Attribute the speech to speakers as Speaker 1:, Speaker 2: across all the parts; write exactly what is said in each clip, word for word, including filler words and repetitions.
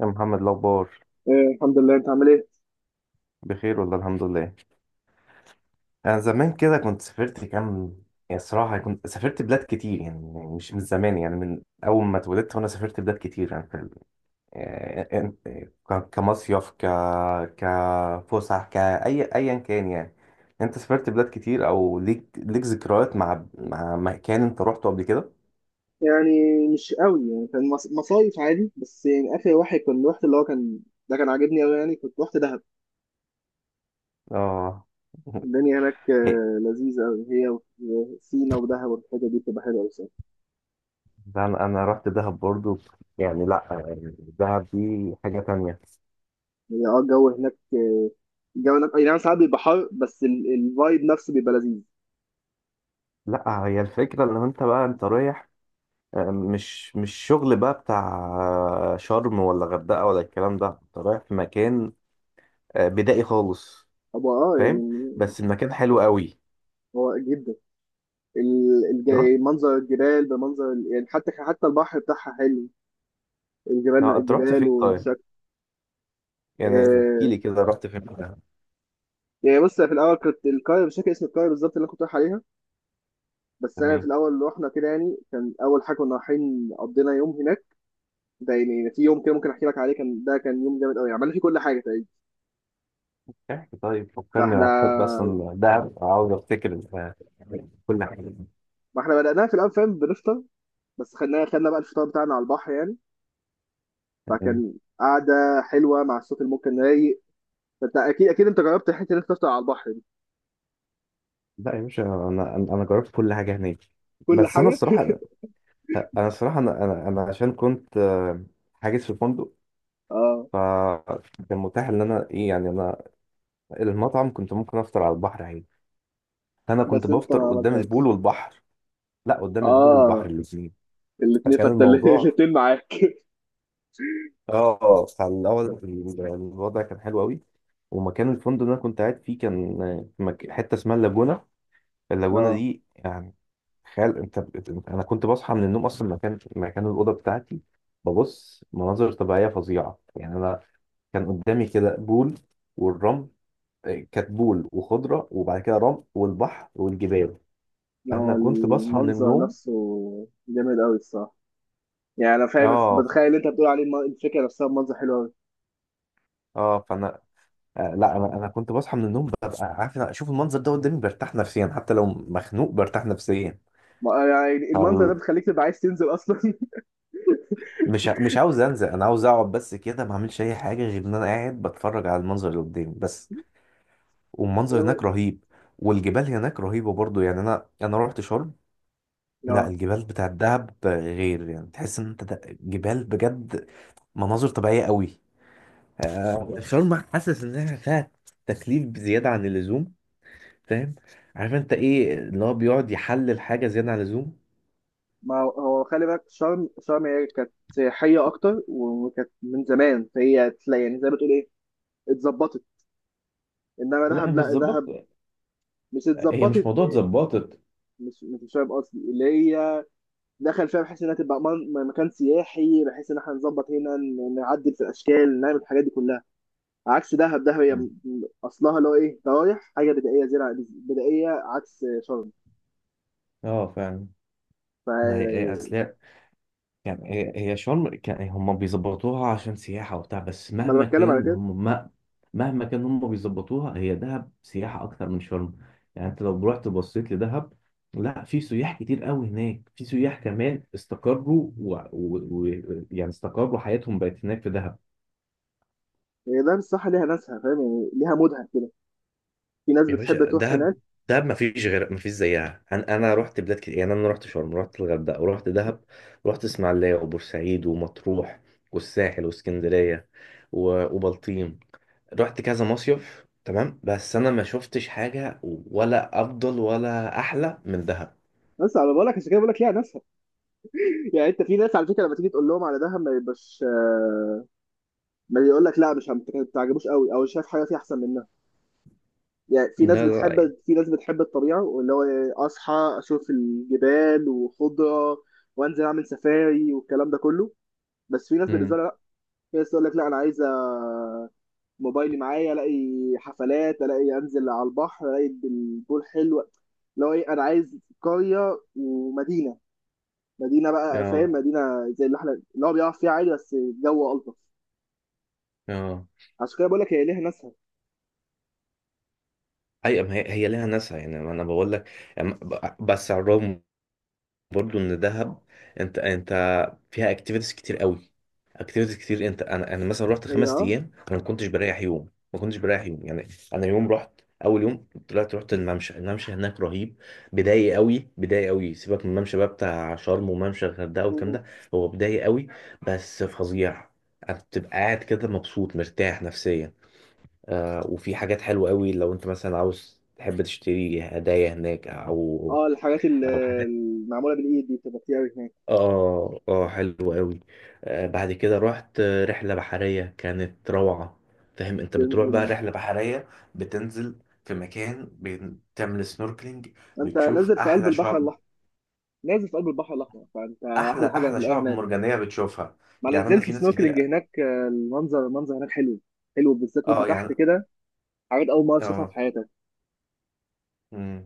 Speaker 1: يا محمد، الأخبار؟
Speaker 2: آه، الحمد لله، انت عامل ايه؟
Speaker 1: بخير والله، الحمد لله. أنا زمان كده كنت سافرت كام. يعني الصراحة كنت سافرت بلاد كتير، يعني مش من زمان، يعني من أول ما اتولدت وأنا سافرت بلاد كتير، يعني في ال- آه، آه، آه، ك- كمصيف ك كفسح كأي أيا كان يعني. أنت سافرت بلاد كتير أو ليك ليك ذكريات مع مع مكان أنت روحته قبل كده؟
Speaker 2: يعني مش قوي، يعني كان مص- مصايف عادي، بس يعني اخر واحد كان رحت اللي هو كان. ده كان عاجبني قوي، يعني كنت رحت دهب.
Speaker 1: آه.
Speaker 2: الدنيا هناك آه، لذيذه قوي، هي و- وسينا ودهب، والحته دي بتبقى حلوه قوي.
Speaker 1: ده أنا أنا رحت دهب برضو. يعني لأ، يعني دهب دي حاجة تانية.
Speaker 2: هي اه الجو هناك، آه، الجو هناك اي نعم ساعات بيبقى حر، بس ال- الفايب نفسه بيبقى لذيذ.
Speaker 1: لا، هي الفكرة ان انت بقى انت رايح، آه، مش مش شغل بقى بتاع، آه، شرم ولا غردقة ولا الكلام ده، انت رايح في مكان آه، بدائي خالص.
Speaker 2: هو اه
Speaker 1: فاهم؟
Speaker 2: يعني
Speaker 1: بس المكان حلو قوي.
Speaker 2: هو جدا. ال-
Speaker 1: رحت.
Speaker 2: الج- منظر الجبال، بمنظر ال- يعني حتى حتى البحر بتاعها حلو. الجبال، لا
Speaker 1: آه، انت رحت
Speaker 2: الجبال
Speaker 1: فين طيب؟
Speaker 2: والشكل.
Speaker 1: يعني احكي
Speaker 2: آه،
Speaker 1: لي كده رحت فين بقى.
Speaker 2: يعني بص، في الاول كنت القريه مش فاكر اسم القريه بالظبط اللي انا كنت رايح عليها. بس انا في
Speaker 1: تمام.
Speaker 2: الاول رحنا كده، يعني كان اول حاجه كنا رايحين قضينا يوم هناك. ده يعني في يوم كده ممكن احكي لك عليه، كان ده كان يوم جامد قوي، عملنا فيه كل حاجه تقريبا.
Speaker 1: احكي طيب، فكرني،
Speaker 2: فاحنا،
Speaker 1: انا بحب اصلا دهب، عاوز افتكر آه، كل حاجة.
Speaker 2: ما احنا بدأناها في الاول، فاهم، بنفطر. بس خدنا خدنا بقى الفطار بتاعنا على البحر يعني.
Speaker 1: تمام.
Speaker 2: فكان قعده حلوه مع الصوت الممكن رايق. فانت اكيد اكيد انت جربت حته انك تفطر على البحر دي.
Speaker 1: لا يا باشا، انا انا أنا جربت كل حاجة هناك.
Speaker 2: كل
Speaker 1: بس انا
Speaker 2: حاجه.
Speaker 1: الصراحة، انا الصراحة انا انا أنا عشان كنت آه، حاجز في فندق.
Speaker 2: اه،
Speaker 1: فكان متاح ان انا ايه، يعني انا المطعم كنت ممكن افطر على البحر عادي. انا كنت
Speaker 2: بس انت
Speaker 1: بفطر
Speaker 2: ما
Speaker 1: قدام البول
Speaker 2: عملتهاش.
Speaker 1: والبحر. لا، قدام البول والبحر
Speaker 2: اه،
Speaker 1: الاثنين.
Speaker 2: الاثنين،
Speaker 1: فكان
Speaker 2: فانت
Speaker 1: الموضوع.
Speaker 2: الاثنين معاك.
Speaker 1: اه فالاول الوضع كان حلو قوي، ومكان الفندق اللي انا كنت قاعد فيه كان في مك- حته اسمها اللاجونه. اللاجونه
Speaker 2: اه
Speaker 1: دي يعني، تخيل انت بت- انا كنت بصحى من النوم اصلا، مكان مكان الاوضه بتاعتي ببص مناظر طبيعيه فظيعه، يعني انا كان قدامي كده بول والرمل، كتبول وخضره وبعد كده رمل والبحر والجبال.
Speaker 2: لا، هو
Speaker 1: فانا كنت بصحى من
Speaker 2: المنظر
Speaker 1: النوم.
Speaker 2: نفسه جامد قوي الصراحه. يعني انا فاهم، بس
Speaker 1: اه ف...
Speaker 2: بتخيل انت بتقول عليه الم- الفكره نفسها، منظر حلو قوي.
Speaker 1: اه فانا آه لا انا انا كنت بصحى من النوم، ببقى عارف أنا اشوف المنظر ده قدامي، برتاح نفسيا حتى لو مخنوق برتاح نفسيا.
Speaker 2: ما- يعني المنظر ده
Speaker 1: فال...
Speaker 2: بيخليك تبقى عايز تنزل اصلا.
Speaker 1: مش ع- مش عاوز انزل، انا عاوز اقعد بس كده، ما اعملش اي حاجه غير ان انا قاعد بتفرج على المنظر اللي قدامي بس. والمنظر هناك رهيب، والجبال هناك رهيبه برضو، يعني انا انا رحت شرم. لا،
Speaker 2: اه،
Speaker 1: الجبال بتاع الدهب غير، يعني تحس ان انت ده- جبال بجد، مناظر طبيعيه قوي. آه، شرم حاسس انها فيها تكليف بزياده عن اللزوم. فاهم؟ عارف انت ايه اللي هو بيقعد يحلل حاجه زياده عن اللزوم.
Speaker 2: ما هو هو خلي بالك، شرم شرم هي كانت سياحيه اكتر وكانت من زمان، فهي تلاقي يعني زي ما تقول ايه، اتظبطت. انما
Speaker 1: لا،
Speaker 2: دهب،
Speaker 1: مش
Speaker 2: لا دهب
Speaker 1: ظبطت.
Speaker 2: مش
Speaker 1: هي مش
Speaker 2: اتظبطت.
Speaker 1: موضوع اتظبطت.
Speaker 2: مش مش فاهم قصدي اللي هي دخل فيها بحيث انها تبقى من- مكان سياحي، بحيث ان احنا نظبط هنا ن- نعدل في الاشكال، نعمل الحاجات دي كلها، عكس دهب. دهب هي م- م- اصلها اللي هو ايه، رايح حاجه بدائيه، زراعه بدائيه، عكس شرم.
Speaker 1: اه فعلا.
Speaker 2: ف
Speaker 1: ما هي اصل هي. كان هي هي شرم، كان هم بيظبطوها عشان سياحة وبتاع، بس
Speaker 2: ما انا
Speaker 1: مهما
Speaker 2: بتكلم على
Speaker 1: كان
Speaker 2: كده.
Speaker 1: هم ما. مهما كان هم بيظبطوها، هي دهب سياحة أكتر من شرم، يعني أنت لو رحت بصيت لدهب. لا، في سياح كتير قوي هناك، في سياح كمان استقروا و... و... و... يعني استقروا، حياتهم بقت هناك في دهب.
Speaker 2: هي ده الصح، ليها ناسها، فاهم يعني، ليها مودها كده. في ناس
Speaker 1: يا
Speaker 2: بتحب
Speaker 1: باشا،
Speaker 2: تروح
Speaker 1: دهب،
Speaker 2: هناك.
Speaker 1: دهب ما فيش غير، ما فيش زيها. انا انا رحت بلاد كتير، يعني انا رحت شرم، رحت الغردقه، ورحت دهب. رحت اسماعيليه وبورسعيد ومطروح والساحل واسكندريه و- وبلطيم. رحت كذا مصيف تمام، بس انا ما شفتش حاجه ولا افضل ولا احلى من دهب.
Speaker 2: بس على بالك، عشان كده بقول لك ليها ناسها. يعني انت، في ناس على فكره لما تيجي تقول لهم على دهب ما يبقاش، آه، ما يقول لك لا مش ما تعجبوش قوي، او شايف حاجه فيها احسن منها. يعني في ناس
Speaker 1: ده رايي.
Speaker 2: بتحب، في ناس بتحب الطبيعه، واللي هو إيه، اصحى اشوف الجبال وخضره، وانزل اعمل سفاري والكلام ده كله. بس في ناس بالنسبه
Speaker 1: امم.
Speaker 2: لها، في ناس تقول لك لا انا عايزه موبايلي معايا، الاقي حفلات، الاقي انزل على البحر، الاقي البول حلو. لو ايه، انا عايز قريه ومدينه، مدينه بقى فاهم،
Speaker 1: اه
Speaker 2: مدينه زي اللي احنا اللي هو بيعرف فيها عادي، بس الجو الطف.
Speaker 1: اه،
Speaker 2: عشان كده بقول لك هي ليها ناسها.
Speaker 1: ايوه، ما هي هي ليها ناسها، يعني ما انا بقول لك. أم- ب- بس على الرغم، برضو ان دهب، انت انت فيها اكتيفيتيز كتير قوي. اكتيفيتيز كتير، انت انا انا مثلا رحت
Speaker 2: هي
Speaker 1: خمس
Speaker 2: اه.
Speaker 1: ايام، انا ما كنتش بريح يوم. ما كنتش بريح يوم يعني. انا يوم رحت، اول يوم طلعت رحت الممشى. الممشى هناك رهيب، بداية قوي، بداية قوي. سيبك من الممشى بقى بتاع شرم وممشى الغردقه والكلام
Speaker 2: مم.
Speaker 1: ده. هو بداية قوي، بس فظيع. انت بتبقى قاعد كده مبسوط، مرتاح نفسيا. آه، وفي حاجات حلوة قوي لو انت مثلا عاوز تحب تشتري هدايا هناك، او
Speaker 2: اه، الحاجات ال-
Speaker 1: او حاجات.
Speaker 2: المعموله بالايد دي بتبقى كتير قوي هناك.
Speaker 1: اه اه، حلو قوي. آه بعد كده رحت آه، رحلة بحرية كانت روعة. فاهم، انت بتروح بقى
Speaker 2: تنزل،
Speaker 1: رحلة بحرية، بتنزل في مكان، بتعمل سنوركلينج،
Speaker 2: انت نازل
Speaker 1: بتشوف
Speaker 2: في قلب
Speaker 1: احلى
Speaker 2: البحر
Speaker 1: شعب،
Speaker 2: الاحمر، نازل في قلب البحر الاحمر، فانت
Speaker 1: احلى
Speaker 2: احلى حاجه
Speaker 1: احلى
Speaker 2: هتلاقيها
Speaker 1: شعب
Speaker 2: هناك.
Speaker 1: مرجانية بتشوفها.
Speaker 2: ما انا
Speaker 1: يعني انا
Speaker 2: نزلت
Speaker 1: في ناس
Speaker 2: سنوركلينج
Speaker 1: كتير.
Speaker 2: هناك، آه، المنظر، المنظر هناك حلو، حلو بالذات وانت
Speaker 1: اه
Speaker 2: تحت
Speaker 1: يعني.
Speaker 2: كده، حاجات اول مره اشوفها في حياتك.
Speaker 1: اه.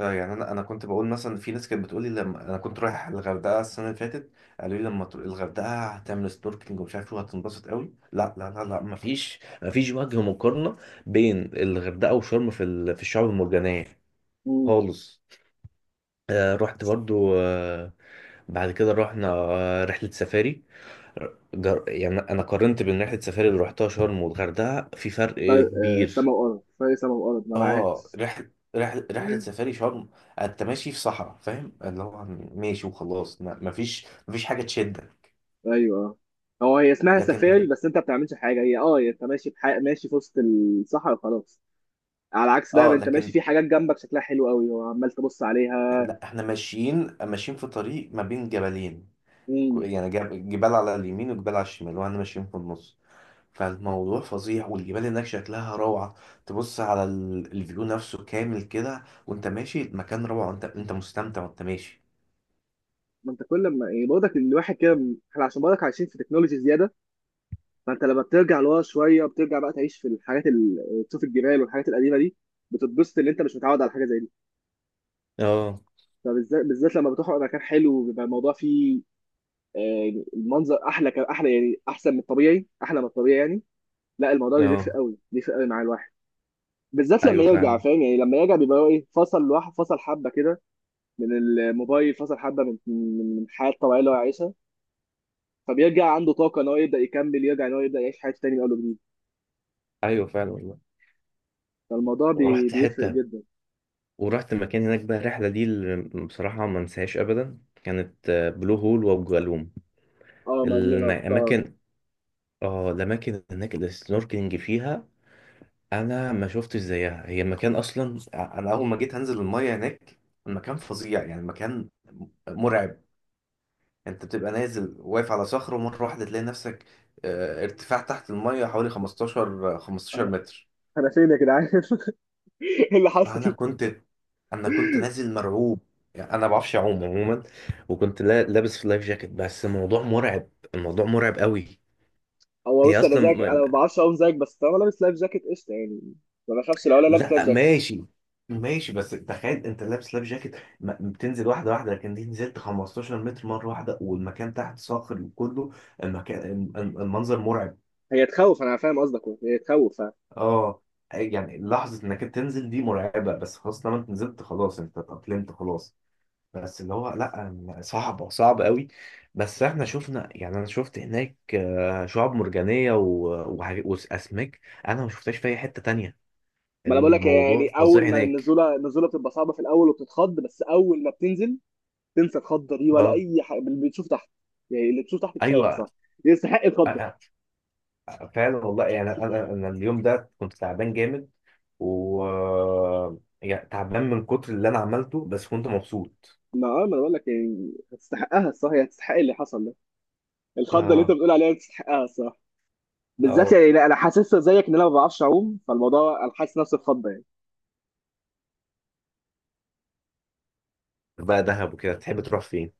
Speaker 1: اه يعني انا انا كنت بقول مثلا، في ناس كانت بتقول لي لما انا كنت رايح الغردقه السنه اللي فاتت، قالوا لي لما تروح الغردقه هتعمل سنوركلينج ومش عارف ايه وهتنبسط قوي. لا لا لا لا، مفيش مفيش وجه مقارنه بين الغردقه وشرم في ال- في الشعاب المرجانيه
Speaker 2: مم.
Speaker 1: خالص. آه رحت برضو آه بعد كده رحنا آه، رحلة سفاري. جر... يعني أنا قارنت بين رحلة سفاري اللي رحتها شرم والغردقة، في فرق
Speaker 2: فرق، آه،
Speaker 1: كبير.
Speaker 2: سما وارض، فرق سما وارض، ما انا
Speaker 1: اه،
Speaker 2: عارف.
Speaker 1: رحلة رحلة رحلة سفاري شرم، انت ماشي في صحراء. فاهم، اللي هو ماشي وخلاص، ما- مفيش مفيش حاجة تشدك.
Speaker 2: ايوه، هو هي اسمها
Speaker 1: لكن.
Speaker 2: سفاري، بس انت ما بتعملش حاجه، هي اه هي انت ماشي في حي... ماشي في وسط الصحراء خلاص. على عكس ده
Speaker 1: اه
Speaker 2: انت ماشي
Speaker 1: لكن
Speaker 2: في حاجات جنبك شكلها حلو قوي وعمال تبص
Speaker 1: احنا،
Speaker 2: عليها.
Speaker 1: لا احنا ماشيين ماشيين في طريق ما بين جبلين. كو-
Speaker 2: امم،
Speaker 1: يعني جب- جبال على اليمين وجبال على الشمال واحنا ماشيين في النص. فالموضوع فظيع، والجبال هناك شكلها روعة. تبص على ال- الفيو نفسه كامل كده، وانت ماشي المكان روعة، انت انت مستمتع وانت ماشي.
Speaker 2: ما انت كل ما يعني برضك الواحد كده، احنا عشان برضك عايشين في تكنولوجي زياده، فانت لما بترجع لورا شويه بترجع بقى تعيش في الحاجات ال- تشوف الجبال والحاجات القديمه دي، بتتبسط ان انت مش متعود على حاجه زي دي.
Speaker 1: اه
Speaker 2: فبالذات بالذات لما بتروح مكان حلو بيبقى الموضوع فيه، آه، يعني المنظر احلى ك- احلى، يعني احسن من الطبيعي، احلى من الطبيعي يعني. لا الموضوع بيفرق
Speaker 1: اه،
Speaker 2: قوي، بيفرق قوي مع الواحد، بالذات لما
Speaker 1: ايوه
Speaker 2: يرجع،
Speaker 1: فعلا،
Speaker 2: فاهم يعني، لما يرجع بيبقى هو ايه، فصل لوحده، فصل حبه كده من الموبايل، فصل حبه من من من الحياه الطبيعيه اللي هو عايشها. فبيرجع عنده طاقه ان هو يبدا يكمل، يرجع ان هو يبدا يعيش حياته تاني من اول وجديد.
Speaker 1: ايوه فعلا والله.
Speaker 2: فالموضوع بي-
Speaker 1: رحت
Speaker 2: بيفرق
Speaker 1: حته،
Speaker 2: جدا.
Speaker 1: ورحت المكان هناك بقى. الرحلة دي اللي بصراحة ما انساهاش أبدا كانت آه، بلو هول وأبو جالوم.
Speaker 2: اه ما دي انا رحتها.
Speaker 1: الأماكن. اه الأماكن هناك اللي السنوركلينج فيها، أنا ما شفتش زيها. هي مكان أصلا، أنا أول ما جيت هنزل المية هناك المكان فظيع، يعني المكان مرعب. أنت بتبقى نازل واقف على صخرة، ومرة واحدة تلاقي نفسك آه، ارتفاع تحت المية حوالي خمستاشر خمستاشر
Speaker 2: انا
Speaker 1: متر.
Speaker 2: أنا فين يا جدعان؟ ايه اللي
Speaker 1: فانا
Speaker 2: حصل؟
Speaker 1: كنت، انا كنت نازل مرعوب، يعني انا ما بعرفش اعوم عموما، وكنت لا- لابس في لايف جاكيت، بس الموضوع مرعب، الموضوع مرعب قوي.
Speaker 2: هو
Speaker 1: هي
Speaker 2: بص، انا
Speaker 1: اصلا
Speaker 2: زيك انا
Speaker 1: م-
Speaker 2: ما بعرفش اقوم زيك، بس طالما لابس لايف جاكيت قشطه يعني، ما بخافش لو انا لابس لايف
Speaker 1: لا
Speaker 2: جاكيت.
Speaker 1: ماشي، ماشي. بس تخيل انت لابس لايف جاكيت، ما- بتنزل واحده واحده، لكن دي نزلت خمستاشر متر مره واحده، والمكان تحت صاخر وكله المكان، الم- المنظر مرعب.
Speaker 2: هي تخوف، انا فاهم قصدك، هي تخوف فاهم.
Speaker 1: اه يعني لحظه انك تنزل دي مرعبه، بس خلاص لما انت نزلت خلاص، انت اتأقلمت خلاص. بس اللي هو لا، صعبة صعبة قوي. بس احنا شفنا، يعني انا شفت هناك آه، شعاب مرجانية و- وحاج- واسماك، انا ما شفتهاش في اي حتة تانية.
Speaker 2: ما انا بقول لك،
Speaker 1: الموضوع
Speaker 2: يعني
Speaker 1: فظيع
Speaker 2: اول ما
Speaker 1: هناك.
Speaker 2: النزوله، النزوله بتبقى صعبه في الاول وبتتخض، بس اول ما بتنزل تنسى الخضه دي ولا
Speaker 1: اه
Speaker 2: اي حاجه اللي بتشوف تحت. يعني اللي بتشوف تحت كفايه
Speaker 1: ايوه.
Speaker 2: صح، يستحق
Speaker 1: أ-
Speaker 2: الخضه.
Speaker 1: أ- فعلا والله، يعني انا انا اليوم ده كنت تعبان جامد، و، يعني تعبان من كتر اللي انا عملته، بس كنت مبسوط.
Speaker 2: ما اه، ما انا بقول لك يعني هتستحقها الصح، هي هتستحق اللي حصل ده. الخضه اللي انت
Speaker 1: اه
Speaker 2: بتقول عليها تستحقها الصح. بالذات
Speaker 1: اه،
Speaker 2: يعني لا، انا حاسسها زيك ان انا ما بعرفش اعوم، فالموضوع انا حاسس نفسي اتخض يعني.
Speaker 1: بقى دهب وكده تحب تروح فين؟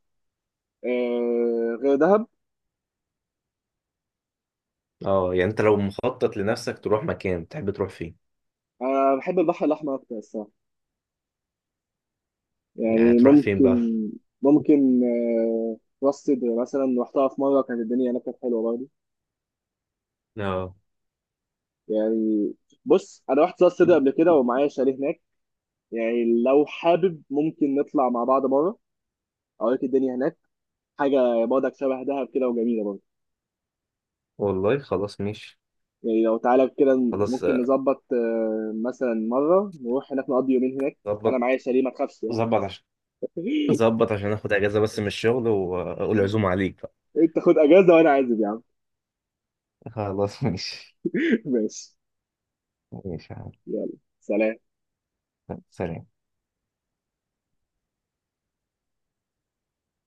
Speaker 2: آه غير دهب،
Speaker 1: اه يعني انت لو مخطط لنفسك تروح مكان، تحب تروح فين؟
Speaker 2: انا بحب البحر الاحمر اكتر الصراحه.
Speaker 1: يعني
Speaker 2: يعني
Speaker 1: تروح فين
Speaker 2: ممكن،
Speaker 1: بقى؟
Speaker 2: ممكن آه راس سدر مثلا رحتها في مره، كانت الدنيا هناك كانت حلوه برضه.
Speaker 1: اه
Speaker 2: يعني بص، انا رحت راس سدر قبل كده ومعايا شاليه هناك. يعني لو حابب ممكن نطلع مع بعض مره، اوريك الدنيا هناك، حاجه برضك شبه دهب كده وجميله برضه.
Speaker 1: والله خلاص ماشي،
Speaker 2: يعني لو تعالى كده،
Speaker 1: خلاص
Speaker 2: ممكن
Speaker 1: آه،
Speaker 2: نظبط آه، مثلا مرة نروح هناك نقضي يومين هناك. أنا
Speaker 1: ظبط.
Speaker 2: معايا شاليه، ما تخافش يعني.
Speaker 1: ظبط عشان. ظبط عشان اخد اجازة بس من الشغل، واقول عزومة عليك بقى.
Speaker 2: أنت خد أجازة وأنا عازم يا عم.
Speaker 1: خلاص ماشي.
Speaker 2: ماشي.
Speaker 1: ماشي يا عم.
Speaker 2: يلا، سلام.
Speaker 1: سلام.